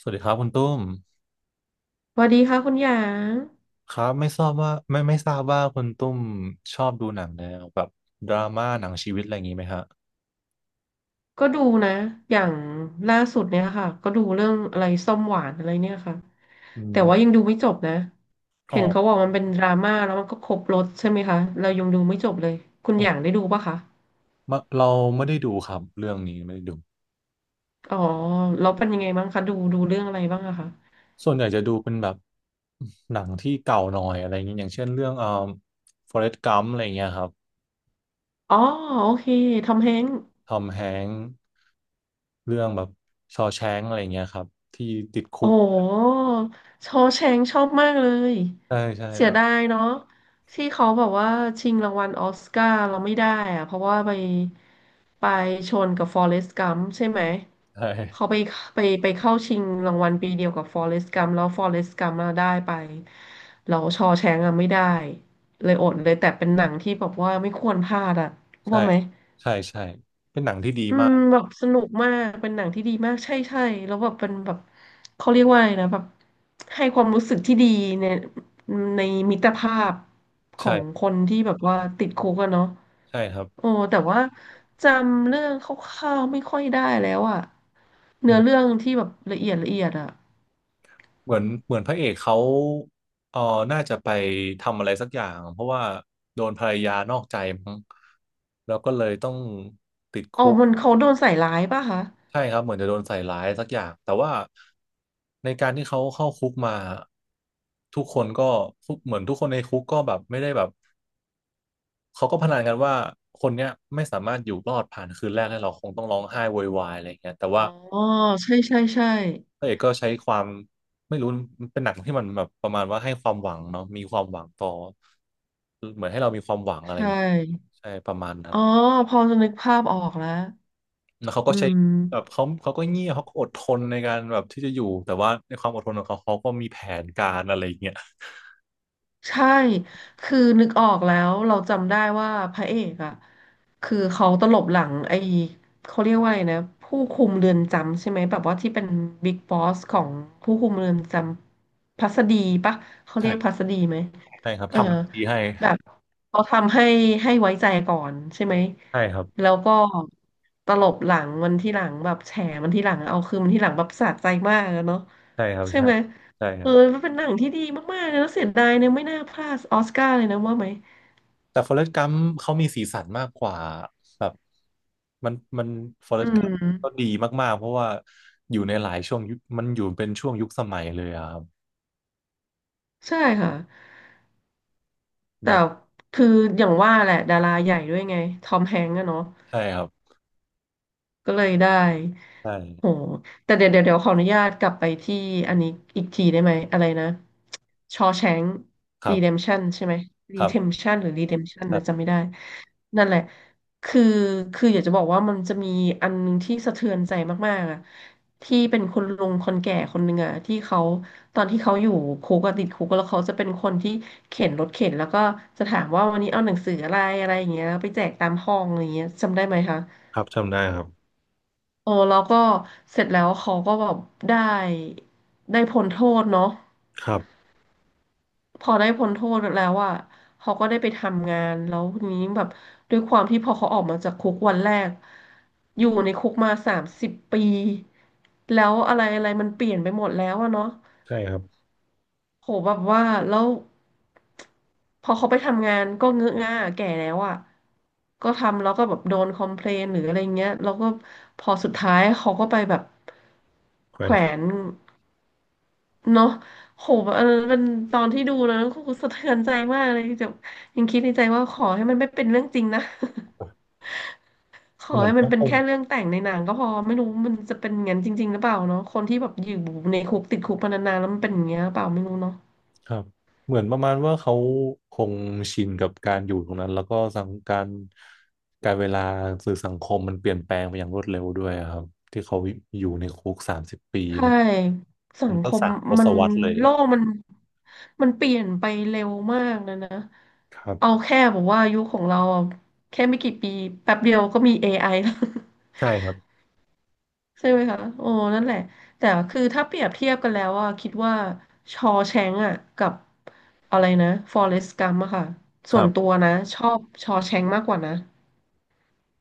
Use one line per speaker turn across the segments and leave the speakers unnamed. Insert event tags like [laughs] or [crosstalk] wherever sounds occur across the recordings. สวัสดีครับคุณตุ้ม
สวัสดีค่ะคุณหยาง
ครับไม่ทราบว่าไม่ทราบว่าคุณตุ้มชอบดูหนังแนวแบบดราม่าหนังชีวิตอะไรอย่างนี้ไหมฮะ
ก็ดูนะอย่างล่าสุดเนี่ยค่ะก็ดูเรื่องอะไรส้มหวานอะไรเนี่ยค่ะ
อื
แต่
ม
ว่ายังดูไม่จบนะ
อ๋อ
เห็นเขาบอกมันเป็นดราม่าแล้วมันก็ครบรสใช่ไหมคะเรายังดูไม่จบเลยคุณ
อ๋อ
หยางได้ดูปะคะ
มาเราไม่ได้ดูครับเรื่องนี้ไม่ได้ดู
อ๋อแล้วเป็นยังไงบ้างคะดูเรื่องอะไรบ้างอะคะ
ส่วนใหญ่จะดูเป็นแบบหนังที่เก่าหน่อยอะไรอย่างนี้ยอย่างเช่นเรื่องForrest Gump อะไรอย่างเงี้ยครับ
อ๋อโอเคทอมแฮงค์
ทอมแฮงค์เรื่องแบบชอว์แชงกอะไรอย่างเงี้ยครับที่ติดคุ
โอ้
ก
โอว์แชงก์ชอบมากเลย
ใช่ใช่
เสี
เอ
ย
อ
ดายเนาะที่เขาแบบว่าชิงรางวัลออสการ์เราไม่ได้อะเพราะว่าไปชนกับฟอเรสต์กัมใช่ไหม
ใช่
เขาไปเข้าชิงรางวัลปีเดียวกับฟอเรสต์กัมแล้วฟอเรสต์กัมมาได้ไปเราชอว์แชงก์อะไม่ได้เลยอดเลยแต่เป็นหนังที่แบบว่าไม่ควรพลาดอะ
ใช่
ว่าไหม
ใช่ใช่เป็นหนังที่ดี
อื
มา
ม
ก
แบบสนุกมากเป็นหนังที่ดีมากใช่ใช่แล้วแบบเป็นแบบเขาเรียกว่าอะไรนะแบบให้ความรู้สึกที่ดีในในมิตรภาพของ
ใช่
คนที่แบบว่าติดคุกอะเนาะ
ใช่ครับ
โอ้แต่ว่าจำเรื่องคร่าวๆไม่ค่อยได้แล้วอะเนื้อเรื่องที่แบบละเอียดละเอียดอะ
เหมือนพระเอกเขาเออน่าจะไปทำอะไรสักอย่างเพราะว่าโดนภรรยานอกใจมั้งแล้วก็เลยต้อง
อ๋อมันเขาโดนใส่ร้ายป่ะคะ
ใช่ครับเหมือนจะโดนใส่ร้ายสักอย่างแต่ว่าในการที่เขาเข้าคุกมาทุกคนก็ทุกเหมือนทุกคนในคุกก็แบบไม่ได้แบบเขาก็พนันกันว่าคนเนี้ยไม่สามารถอยู่รอดผ่านคืนแรกได้หรอกคงต้องร้องไห้โวยวายอะไรอย่างเงี้ยแต่ว่า
อ๋อใช่ใช่ใช่
พระเอกก็ใช้ความไม่รู้มันเป็นหนังที่มันแบบประมาณว่าให้ความหวังเนาะมีความหวังต่อเหมือนให้เรามีความหวังอะ
ใช
ไร
่
ใช่ประมาณนั้
อ๋
น
อพอจะนึกภาพออกแล้ว
แล้วเขา
อื
ก็ใช้
ม
แบบเขาก็เงียบเขาก็อดทนในการแบบที่จะอยู่แต่ว่าในความอดทนของเขาเขาก็มีแผนการอะไรอย่างเงี้ย
ใช่ คือนึกออกแล้วเราจำได้ว่าพระเอกอ่ะคือเขาตลบหลังไอ้เขาเรียกว่าอะไรนะผู้คุมเรือนจำใช่ไหมแบบว่าที่เป็นบิ๊กบอสของผู้คุมเรือนจำพัสดีปะเขาเรียกพั
ใช่
สดีไหม
ใช่ครับ
เออ
ทำทีให้
แบบเขาทำให้ให้ไว้ใจก่อนใช่ไหม
ใช่ครับ
แล้วก็ตลบหลังมันที่หลังแบบแฉมันที่หลังเอาคืนมันที่หลังแบบสะใจมากอะเนาะ
ใช่ครับ
ใช่
ใช่
ไหม
ใช่ค
เออ
รับ
มันเป็นหนังที่ดีมากๆเลยแล้วเสียดายเนี่ยไม่น่าพลาดออสการ์เลยนะว่าไหม
แต่ Forrest Gump เขามีสีสันมากกว่าแบบมัน
อื
Forrest Gump ก็
ม
ดีมากๆเพราะว่าอยู่ในหลายช่วงยุคมันอยู่เป็นช่วงยุคสมัยเลยอะครับ
ใช่ค่ะ แต่
แบบ
คืออย่างว่าแหละดาราใหญ่ด้วยไง ทอมแฮงก์อะเนาะ
ใช่ครับ
ก็เลยได้
ใช่
โหแต่เดี๋ยวขออนุญาตกลับไปที่อันนี้อีกทีได้ไหมอะไรนะชอแชง
ครั
รีเดม
บ
ชันใช่ไหมรี
ครั
เทม
บ
ชันหรือรีเดมชัน
ครั
นะจำ
บ
ไม่ได้นั่นแหละคือคืออยากจะบอกว่ามันจะมีอันหนึงที่สะเทือนใจมากๆอะที่เป็นคนลุงคนแก่คนหนึ่งอะที่เขาตอนที่เขาอยู่คุกอะติดคุกแล้วเขาจะเป็นคนที่เข็นรถเข็นแล้วก็จะถามว่าวันนี้เอาหนังสืออะไรอะไรอย่างเงี้ยไปแจกตามห้องอะไรอย่างเงี้ยจำได้ไหมคะ
ครับจำได้ครับ
โอ้แล้วก็เสร็จแล้วเขาก็แบบได้ได้พ้นโทษเนาะ
ครับ
พอได้พ้นโทษแล้วอ่ะเขาก็ได้ไปทำงานแล้วทีนี้แบบด้วยความที่พอเขาออกมาจากคุกวันแรกอยู่ในคุกมา30 ปีแล้วอะไรอะไรมันเปลี่ยนไปหมดแล้วอะเนาะ
ใช่ครับ
โหแบบว่าแล้วพอเขาไปทำงานก็เงอะง่าแก่แล้วอ่ะก็ทำแล้วก็แบบโดนคอมเพลนหรืออะไรเงี้ยแล้วก็พอสุดท้ายเขาก็ไปแบบ
แขว
แข
น
วนเนาะโหแบบเออมันตอนที่ดูนะก็คือสะเทือนใจมากเลยจะยังคิดในใจว่าขอให้มันไม่เป็นเรื่องจริงนะ [laughs] ขอ
เหมือน
ให้มัน
เขา
เป็
ค
น
ง
แค่เรื่องแต่งในหนังก็พอไม่รู้มันจะเป็นอย่างนั้นจริงๆหรือเปล่าเนาะคนที่แบบอยู่ในคุกติดคุกมานานๆแล้วมันเป็นอย่างเงี้ยหรือเปล่าไม่รู้เนาะ
ครับเหมือนประมาณว่าเขาคงชินกับการอยู่ตรงนั้นแล้วก็สังการการเวลาสื่อสังคมมันเปลี่ยนแปลงไปอย่างรวดเร็วด้วยอะครับที่เขาอยู่ในคุก30 ปี
ใช่สั
มัน
งค
ก็
ม
สามท
มั
ศ
น
วรรษเลย
โลกมันเปลี่ยนไปเร็วมากนะนะ
ครั
เอา
บ
แค่บอกว่ายุคของเราอะแค่ไม่กี่ปีแป๊บเดียวก็มี AI แล้ว
ใช่ครับ
[laughs] ใช่ไหมคะโอ้นั่นแหละแต่คือถ้าเปรียบเทียบกันแล้วอะคิดว่าชอแชงก์อะกับอะไรนะฟอเรสต์กัมอะค่ะ
ค
ส่ว
รั
นตั
บ
วนะชอบชอแชงก์มากกว่านะ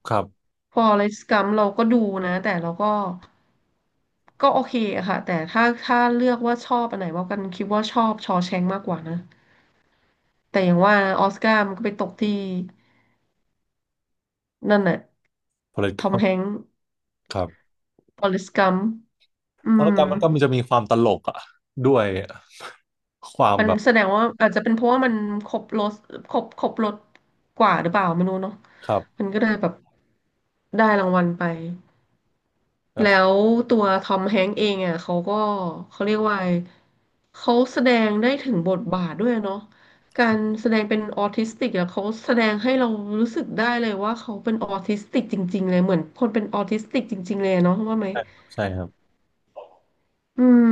ครับ
ฟอเรสต์กัมเราก็ดูนะแต่เราก็ก็โอเคอะค่ะแต่ถ้าเลือกว่าชอบอันไหนมากกันคิดว่าชอบชอแชงมากกว่านะแต่อย่างว่าออสการ์มันก็ไปตกที่นั่นแหละทอม
political
แฮงค์
ครับ
ฟอเรสต์กัมอื
เพรรณ
ม
การมมันก็มันจะมีความตลกอ่ะด้วยอะความ
มัน
แบบ
แสดงว่าอาจจะเป็นเพราะว่ามันครบรสครบรสกว่าหรือเปล่าไม่รู้เนาะ
ครั
มั
บ
นก็เลยแบบได้รางวัลไป
แบบ
แล้วตัวทอมแฮงค์เองอ่ะเขาก็เขาเรียกว่าไงเขาแสดงได้ถึงบทบาทด้วยเนาะการแสดงเป็นออทิสติกอ่ะเขาแสดงให้เรารู้สึกได้เลยว่าเขาเป็นออทิสติกจริงๆเลยเหมือนคนเป็นออทิสติกจริงๆเลยเนาะว่าไหม
ใช่ครับใช่ครับ
อืม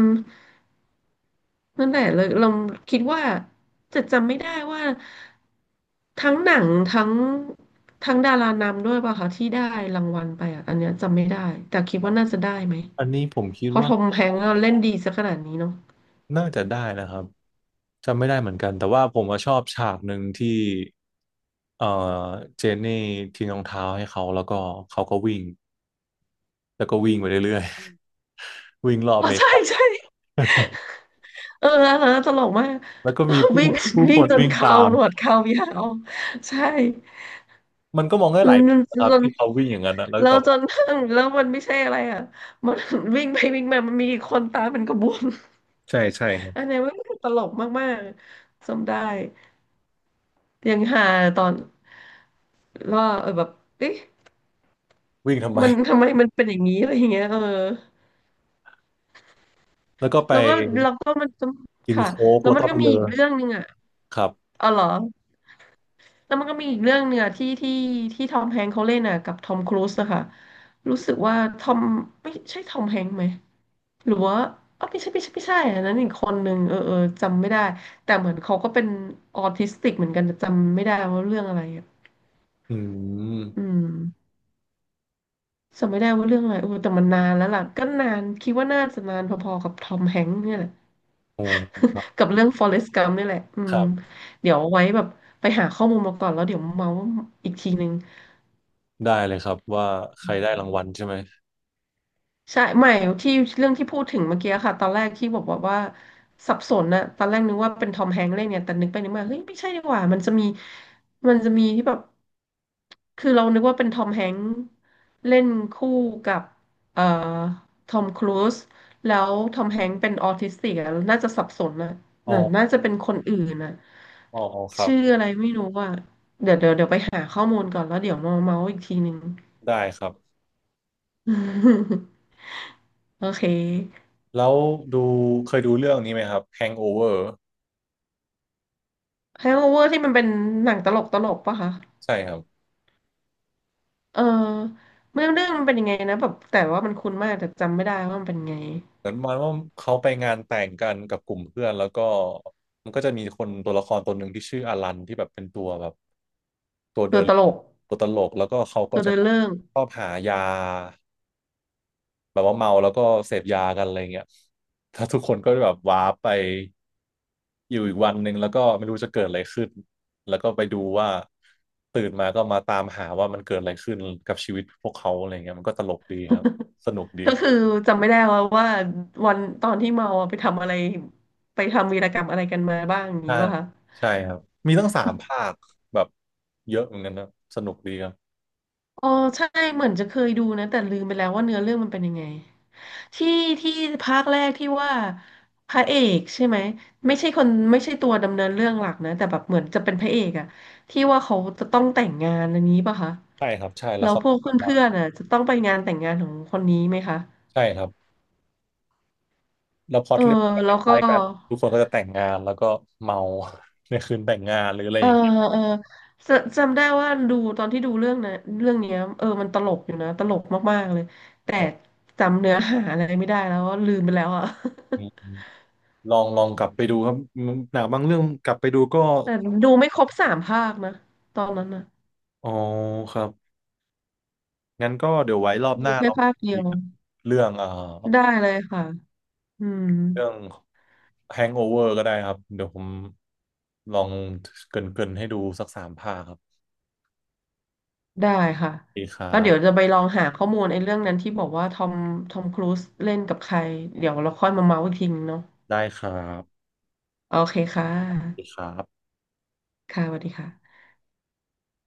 นั่นแหละเลยเราคิดว่าจะจำไม่ได้ว่าทั้งหนังทั้งทั้งดารานำด้วยป่ะคะที่ได้รางวัลไปอ่ะอันเนี้ยจำไม่ได้แต่คิดว่าน่าจะได้ไหม
อันนี้ผมคิด
เพราะท
ว่า
อมแฮงก์เล่นดีซะขนาดนี้เนาะ
น่าจะได้นะครับจำไม่ได้เหมือนกันแต่ว่าผมว่าชอบฉากหนึ่งที่เอ่อเจนนี่ทิ้งรองเท้าให้เขาแล้วก็เขาก็วิ่งแล้วก็วิ่งไปเรื่อย
อ
ๆ [laughs] วิ่งรอบ
๋
อ
อ
เมริ
ใช่
กา
ใช่เอออันนั้นตลกมาก
แล้วก็มีผู้
วิ่ง
ผู้ค
วิ่ง
น
จน
วิ่ง
เข่า
ตาม
หนวดเข่ายาวใช่
มันก็มองได้หลายแบ
เรา
บ
จ
นะครับ
น
ที่เขาวิ่งอย่างนั้นนะแล้ว
แล้
แต่
วจน [laughs] แล้วมันไม่ใช่อะไรอ่ะมันวิ่งไปวิ่งมามันมีอีกคนตามเป็นกระบวน
ใช่ใช่ครับ
[laughs] อันนี้มันตลกมากๆจำได้ยังหาตอนว่าเออแบบเอ๊ะ
วิ่งทำไม
มันทำไมมันเป็นอย่างนี้อะไรอย่างเงี้ยเออ
แล้วก็ไป
แล้วก็แล้วก็มันจะ
กิน
ค่ะ
โค้ก
แล้ว
แล้ว
มัน
ก็ไป
ก็มี
เล
อี
อ
กเรื่องหนึ่งอ่ะ
ครับ
อ๋อเหรอ แล้วมันก็มีอีกเรื่องเนี่ยที่ทอมแฮงค์เขาเล่นอ่ะกับทอมครูซนะคะรู้สึกว่าทอมไม่ใช่ทอมแฮงค์ไหมหรือว่าอ๋อไม่ใช่อันนั้นอีกคนหนึ่งเออเออจำไม่ได้แต่เหมือนเขาก็เป็นออทิสติกเหมือนกันแต่จำไม่ได้ว่าเรื่องอะไรอ่ะ
อืม
อืมจำไม่ได้ว่าเรื่องอะไรโอ้แต่มันนานแล้วล่ะก็นานคิดว่าน่าจะนานพอๆกับทอมแฮงค์เนี่ยแหละ
โอ้ครับ
[laughs] กับเรื่องฟอเรสต์กัมป์นี่แหละอื
ค
ม
รับ
เดี๋ยวเอาไว้แบบไปหาข้อมูลมาก่อนแล้วเดี๋ยวมาเมาอีกทีนึง
ได้เลยครับว่าใครได้รางวัลใช่ไหม
ใช่ไม่ที่เรื่องที่พูดถึงเมื่อกี้ค่ะตอนแรกที่บอกว่าสับสนนะตอนแรกนึกว่าเป็นทอมแฮงค์เล่นเนี่ยแต่นึกไปนึกมาเฮ้ยไม่ใช่ดีกว่ามันจะมีที่แบบคือเรานึกว่าเป็นทอมแฮงค์เล่นคู่กับเอ่อทอมครูซแล้วทอมแฮงค์เป็นออทิสติกอะน่าจะสับสนนะ
อ๋อ
แต่น่าจะเป็นคนอื่นนะ
อ๋อครั
ชื่อ
บ
อะไรไม่รู้ว่าเดี๋ยวไปหาข้อมูลก่อนแล้วเดี๋ยวมาเมาส์อีกทีนึง
ได้ครับ
[laughs] โอเค
แล้วดูเคยดูเรื่องนี้ไหมครับ Hangover
Hangover ที่มันเป็นหนังตลกปะคะ
ใช่ครับ
เออเรื่องเรื่องมันเป็นยังไงนะแบบแต่ว่ามันคุ้นมากแต่จำไม่ได้ว่ามันเป็นไง
เหมือนประมันว่าเขาไปงานแต่งกันกับกลุ่มเพื่อนแล้วก็มันก็จะมีคนตัวละครตัวหนึ่งที่ชื่ออลันที่แบบเป็นตัวแบบตัว
ตั
เดิ
ว
น
ตลก
ตัวตลกแล้วก็เขาก็
ตัว
จะ
เดินเรื่อง
ชอบหายา แบบว่าเมาแล้วก็เสพยากันอะไรเงี้ยถ้าทุกคนก็แบบว้าร์ปไปอยู่อีกวันหนึ่งแล้วก็ไม่รู้จะเกิดอะไรขึ้นแล้วก็ไปดูว่าตื่นมาก็มาตามหาว่ามันเกิดอะไรขึ้นกับชีวิตพวกเขาอะไรเงี้ยมันก็ตลกดีครับสนุกดี
ก็คือจำไม่ได้ว่าวันตอนที่เมาอะไปทำอะไรไปทำวีรกรรมอะไรกันมาบ้างอย่าง
ใช่
นี้ป่ะคะ
ใช่ครับมีตั้งสามภาคแบบเยอะเหมือนกันนะสนุกดีครับ
อ๋อใช่เหมือนจะเคยดูนะแต่ลืมไปแล้วว่าเนื้อเรื่องมันเป็นยังไง ที่ที่ภาคแรกที่ว่าพระเอกใช่ไหมไม่ใช่คนไม่ใช่ตัวดำเนินเรื่องหลักนะแต่แบบเหมือนจะเป็นพระเอกอะที่ว่าเขาจะต้องแต่งงานอันนี้ป่ะคะ
ใช่ครับใช่แล้
แล้
ว
ว
เขา
พวกเพื่อนๆอะจะต้องไปงานแต่งงานของคนนี้ไหมคะ
ใช่ครับแล้วพล็อ
เอ
ต
อ
เรื่องก็ค
แล้วก็
ล้ายๆกันทุกคนก็จะแต่งงานแล้วก็เมา [laughs] ในคืนแต่งงานหรืออะไร
เอ
อ
อ
ย่างเงี้ย
เออจะจำได้ว่าดูตอนที่ดูเรื่องนะเรื่องเนี้ยเออมันตลกอยู่นะตลกมากๆเลยแต่
ครั
จำเนื้อหาอะไรไม่ได้แล้วว่าลืมไปแล้วอะ
บ ลองกลับไปดูครับหนังบางเรื่องกลับไปดูก็
[laughs] แต่ดูไม่ครบสามภาคนะตอนนั้นนะ
อ๋อครับงั้นก็เดี๋ยวไว้รอบห
ดู
น้า
แค่
เรา
ภาคเดี
คุ
ย
ย
ว
กันเรื่อง
ได้เลยค่ะอืม
เรื่อง Hangover ก็ได้ครับเดี๋ยวผมลองเกรินๆให้ดูสักสามภาคครับ
ได้ค่ะ
ดีครั
แล้วเดี๋ยว
บ
จะไปลองหาข้อมูลไอ้เรื่องนั้นที่บอกว่าทอมครูซเล่นกับใคร เดี๋ยวเราค่อยมาเมาส์อีกทีนึงเนาะ
ได้ครับ
โอเคค่ะ
ดีครับ
ค่ะสวัสดีค่ะ